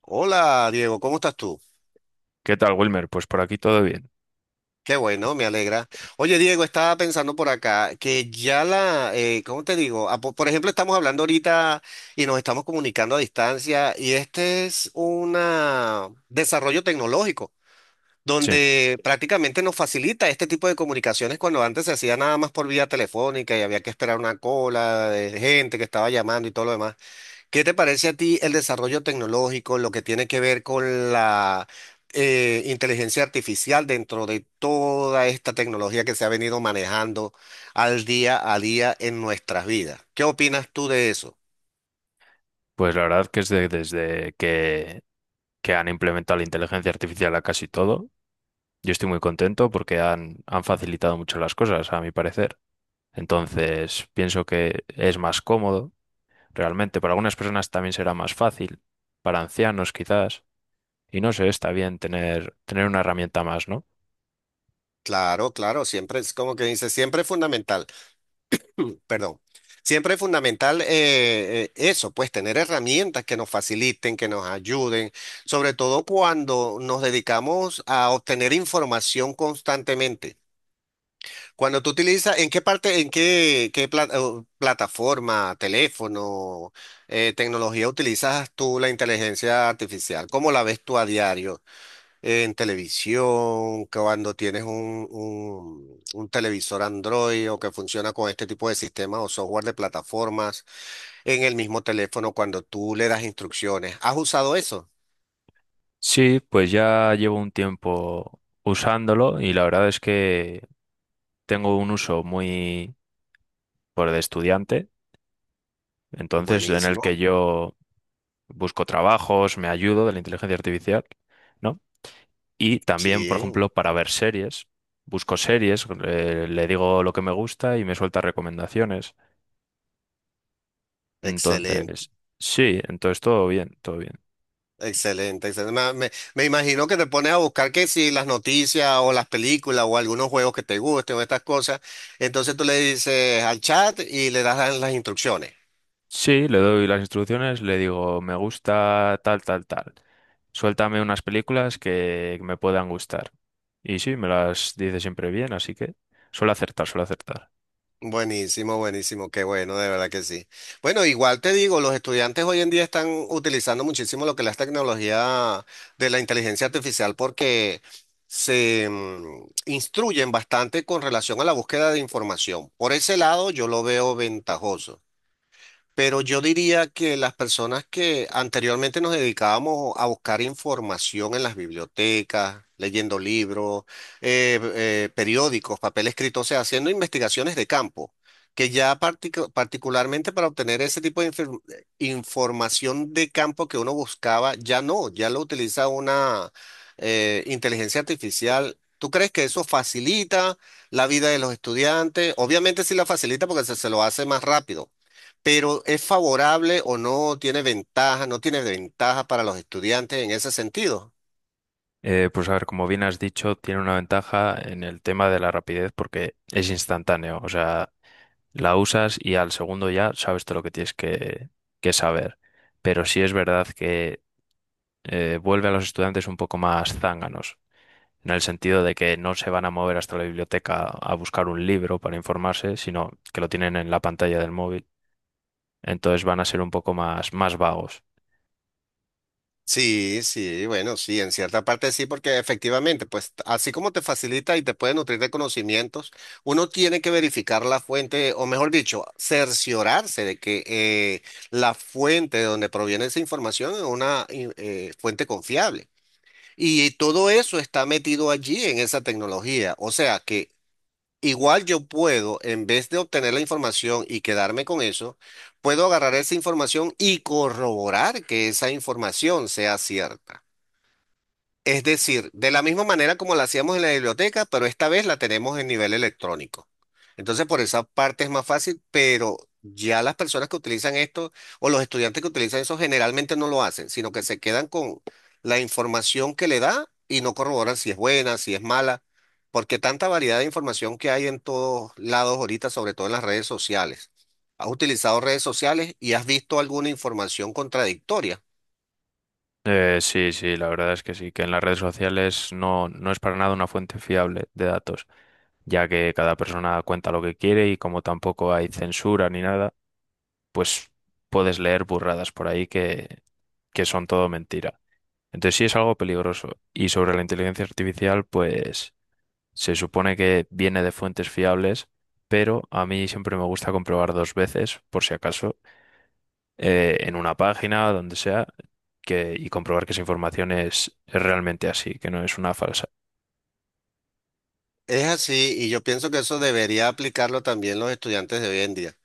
Hola Diego, ¿cómo estás tú? ¿Qué tal, Wilmer? Pues por aquí todo bien. Qué bueno, me alegra. Oye Diego, estaba pensando por acá que ya la, ¿cómo te digo? Ah, por ejemplo, estamos hablando ahorita y nos estamos comunicando a distancia y este es un desarrollo tecnológico Sí, donde prácticamente nos facilita este tipo de comunicaciones cuando antes se hacía nada más por vía telefónica y había que esperar una cola de gente que estaba llamando y todo lo demás. ¿Qué te parece a ti el desarrollo tecnológico, lo que tiene que ver con la inteligencia artificial dentro de toda esta tecnología que se ha venido manejando al día a día en nuestras vidas? ¿Qué opinas tú de eso? pues la verdad que es desde que han implementado la inteligencia artificial a casi todo, yo estoy muy contento porque han facilitado mucho las cosas, a mi parecer. Entonces, pienso que es más cómodo, realmente. Para algunas personas también será más fácil, para ancianos quizás. Y no sé, está bien tener una herramienta más, ¿no? Claro, claro, siempre es como que dice, siempre es fundamental, perdón, siempre es fundamental eso, pues tener herramientas que nos faciliten, que nos ayuden, sobre todo cuando nos dedicamos a obtener información constantemente. Cuando tú utilizas, ¿en qué parte, en qué, qué o plataforma, teléfono, tecnología utilizas tú la inteligencia artificial? ¿Cómo la ves tú a diario? ¿En televisión? ¿Cuando tienes un televisor Android o que funciona con este tipo de sistemas o software de plataformas? ¿En el mismo teléfono cuando tú le das instrucciones? ¿Has usado eso? Sí, pues ya llevo un tiempo usándolo y la verdad es que tengo un uso muy por de estudiante, entonces en el que Buenísimo. yo busco trabajos, me ayudo de la inteligencia artificial, ¿no? Y también, por Sí, ejemplo, para ver series, busco series, le digo lo que me gusta y me suelta recomendaciones. excelente. Entonces, sí, entonces todo bien, todo bien. Excelente, excelente. Me imagino que te pones a buscar que si las noticias o las películas o algunos juegos que te gusten o estas cosas, entonces tú le dices al chat y le das las instrucciones. Sí, le doy las instrucciones, le digo, me gusta tal, tal, tal. Suéltame unas películas que me puedan gustar. Y sí, me las dice siempre bien, así que suele acertar, suele acertar. Buenísimo, buenísimo, qué bueno, de verdad que sí. Bueno, igual te digo, los estudiantes hoy en día están utilizando muchísimo lo que es la tecnología de la inteligencia artificial porque se instruyen bastante con relación a la búsqueda de información. Por ese lado, yo lo veo ventajoso. Pero yo diría que las personas que anteriormente nos dedicábamos a buscar información en las bibliotecas, leyendo libros, periódicos, papel escrito, o sea, haciendo investigaciones de campo, que ya particularmente para obtener ese tipo de información de campo que uno buscaba, ya no, ya lo utiliza una inteligencia artificial. ¿Tú crees que eso facilita la vida de los estudiantes? Obviamente sí la facilita porque se lo hace más rápido. Pero ¿es favorable o no tiene ventaja, no tiene ventaja para los estudiantes en ese sentido? Pues a ver, como bien has dicho, tiene una ventaja en el tema de la rapidez porque es instantáneo. O sea, la usas y al segundo ya sabes todo lo que tienes que, saber. Pero sí es verdad que vuelve a los estudiantes un poco más zánganos, en el sentido de que no se van a mover hasta la biblioteca a buscar un libro para informarse, sino que lo tienen en la pantalla del móvil. Entonces van a ser un poco más, más vagos. Sí, sí, bueno, sí, en cierta parte sí, porque efectivamente, pues así como te facilita y te puede nutrir de conocimientos, uno tiene que verificar la fuente, o mejor dicho, cerciorarse de que la fuente de donde proviene esa información es una fuente confiable. Y todo eso está metido allí en esa tecnología. O sea que igual yo puedo, en vez de obtener la información y quedarme con eso, puedo agarrar esa información y corroborar que esa información sea cierta. Es decir, de la misma manera como la hacíamos en la biblioteca, pero esta vez la tenemos en nivel electrónico. Entonces, por esa parte es más fácil, pero ya las personas que utilizan esto o los estudiantes que utilizan eso generalmente no lo hacen, sino que se quedan con la información que le da y no corroboran si es buena, si es mala, porque tanta variedad de información que hay en todos lados ahorita, sobre todo en las redes sociales. ¿Has utilizado redes sociales y has visto alguna información contradictoria? Sí, sí, la verdad es que sí, que en las redes sociales no, no es para nada una fuente fiable de datos, ya que cada persona cuenta lo que quiere y como tampoco hay censura ni nada, pues puedes leer burradas por ahí que, son todo mentira. Entonces sí es algo peligroso. Y sobre la inteligencia artificial, pues se supone que viene de fuentes fiables, pero a mí siempre me gusta comprobar dos veces, por si acaso en una página, donde sea, que, y comprobar que esa información es realmente así, que no es una falsa. Es así, y yo pienso que eso debería aplicarlo también los estudiantes de hoy en día,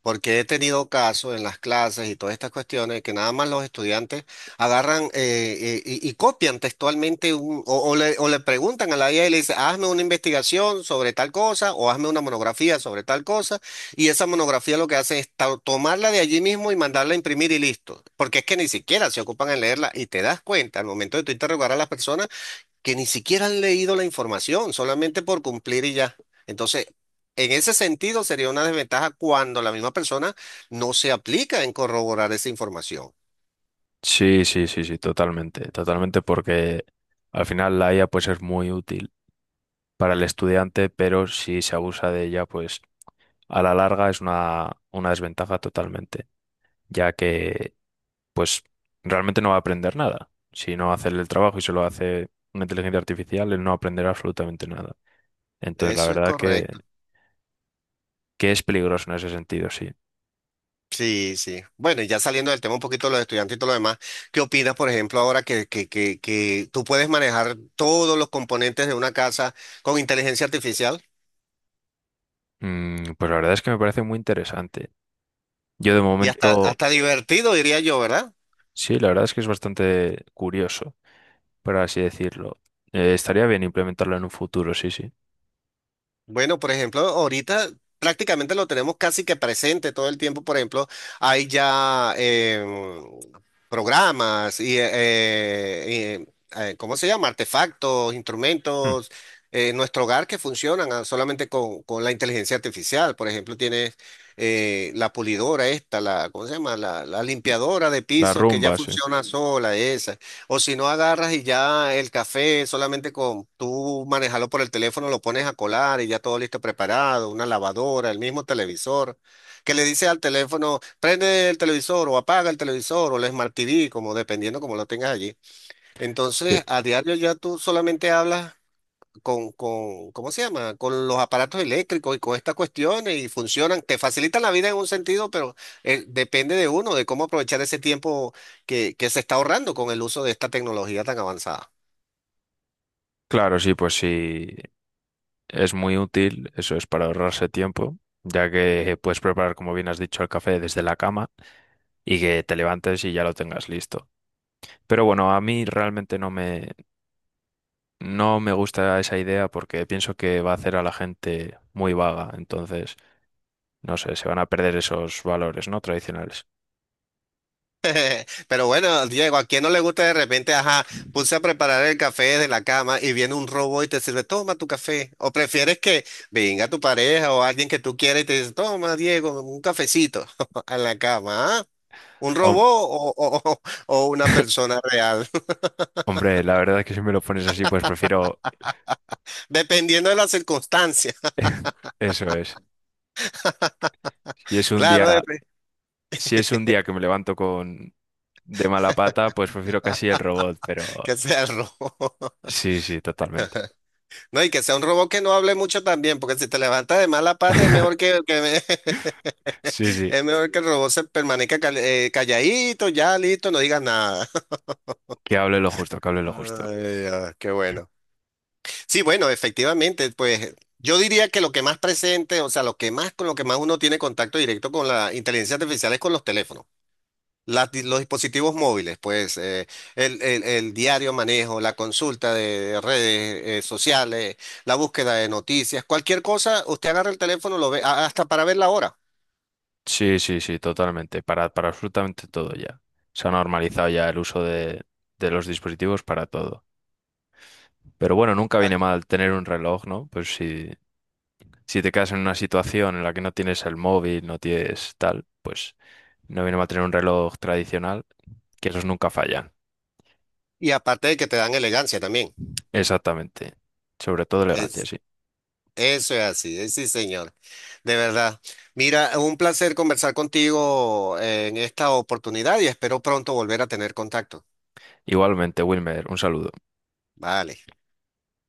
porque he tenido casos en las clases y todas estas cuestiones que nada más los estudiantes agarran y copian textualmente o, o le preguntan a la IA y le dicen, hazme una investigación sobre tal cosa o hazme una monografía sobre tal cosa, y esa monografía lo que hace es tomarla de allí mismo y mandarla a imprimir y listo, porque es que ni siquiera se ocupan en leerla y te das cuenta al momento de tú interrogar a las personas que ni siquiera han leído la información, solamente por cumplir y ya. Entonces, en ese sentido sería una desventaja cuando la misma persona no se aplica en corroborar esa información. Sí, sí, sí, sí, totalmente, totalmente, porque al final la IA pues es muy útil para el estudiante, pero si se abusa de ella, pues a la larga es una, desventaja totalmente, ya que pues realmente no va a aprender nada. Si no hace el trabajo y se lo hace una inteligencia artificial, él no aprenderá absolutamente nada. Entonces, la Eso es verdad que, correcto. que es peligroso en ese sentido, sí. Sí, sí. Bueno, y ya saliendo del tema un poquito de los estudiantes y todo lo demás, ¿qué opinas, por ejemplo, ahora que tú puedes manejar todos los componentes de una casa con inteligencia artificial? Pues la verdad es que me parece muy interesante. Yo de Y hasta, momento, hasta divertido, diría yo, ¿verdad? sí, la verdad es que es bastante curioso, por así decirlo. Estaría bien implementarlo en un futuro, sí, sí. Bueno, por ejemplo, ahorita prácticamente lo tenemos casi que presente todo el tiempo. Por ejemplo, hay ya programas y, ¿cómo se llama? Artefactos, Mm, instrumentos en nuestro hogar que funcionan solamente con la inteligencia artificial. Por ejemplo, tienes la pulidora esta, la, ¿cómo se llama? La limpiadora de La pisos que ya rumba, sí. funciona sola, esa. O si no agarras y ya el café solamente con tú manejarlo por el teléfono, lo pones a colar y ya todo listo preparado, una lavadora, el mismo televisor, que le dice al teléfono, prende el televisor o apaga el televisor o el Smart TV, como dependiendo como lo tengas allí. Sí. Entonces, a diario ya tú solamente hablas ¿cómo se llama? Con los aparatos eléctricos y con estas cuestiones y funcionan, te facilitan la vida en un sentido, pero depende de uno, de cómo aprovechar ese tiempo que se está ahorrando con el uso de esta tecnología tan avanzada. Claro, sí, pues sí, es muy útil, eso es para ahorrarse tiempo, ya que puedes preparar, como bien has dicho, el café desde la cama y que te levantes y ya lo tengas listo. Pero bueno, a mí realmente no me gusta esa idea porque pienso que va a hacer a la gente muy vaga, entonces... No sé, se van a perder esos valores, ¿no? Tradicionales. Pero bueno, Diego, a quien no le gusta de repente, ajá, puse a preparar el café desde la cama y viene un robot y te sirve, toma tu café. O prefieres que venga tu pareja o alguien que tú quieras y te dice, toma, Diego, un cafecito en la cama, ¿ah? ¿Un robot Hom- o, o una persona real? Hombre, la verdad es que si me lo pones así, pues prefiero Dependiendo de las circunstancias. eso es. Si es un Claro, día, dep- si es un día que me levanto con de mala pata, pues prefiero casi el robot, pero que sea el robo. sí, sí, totalmente. No, y que sea un robot que no hable mucho también, porque si te levantas de mala pata, es mejor que me- Sí, sí, es mejor que el robot se permanezca calladito, ya listo, no digas nada. que hable lo justo, que hable lo justo. Ay, ah, qué bueno. Sí, bueno, efectivamente, pues yo diría que lo que más presente, o sea, lo que más con lo que más uno tiene contacto directo con la inteligencia artificial es con los teléfonos. Las los dispositivos móviles, pues el diario manejo, la consulta de redes sociales, la búsqueda de noticias, cualquier cosa, usted agarra el teléfono, lo ve hasta para ver la hora. Sí, sí, sí, totalmente. Para absolutamente todo ya. Se ha normalizado ya el uso de los dispositivos para todo. Pero bueno, nunca viene mal tener un reloj, ¿no? Pues sí, si te quedas en una situación en la que no tienes el móvil, no tienes tal, pues no viene mal tener un reloj tradicional, que esos nunca fallan. Y aparte de que te dan elegancia también. Exactamente. Sobre todo elegancia, Es, sí. eso es así, sí, señor. De verdad. Mira, un placer conversar contigo en esta oportunidad y espero pronto volver a tener contacto. Igualmente, Wilmer, un saludo. Vale.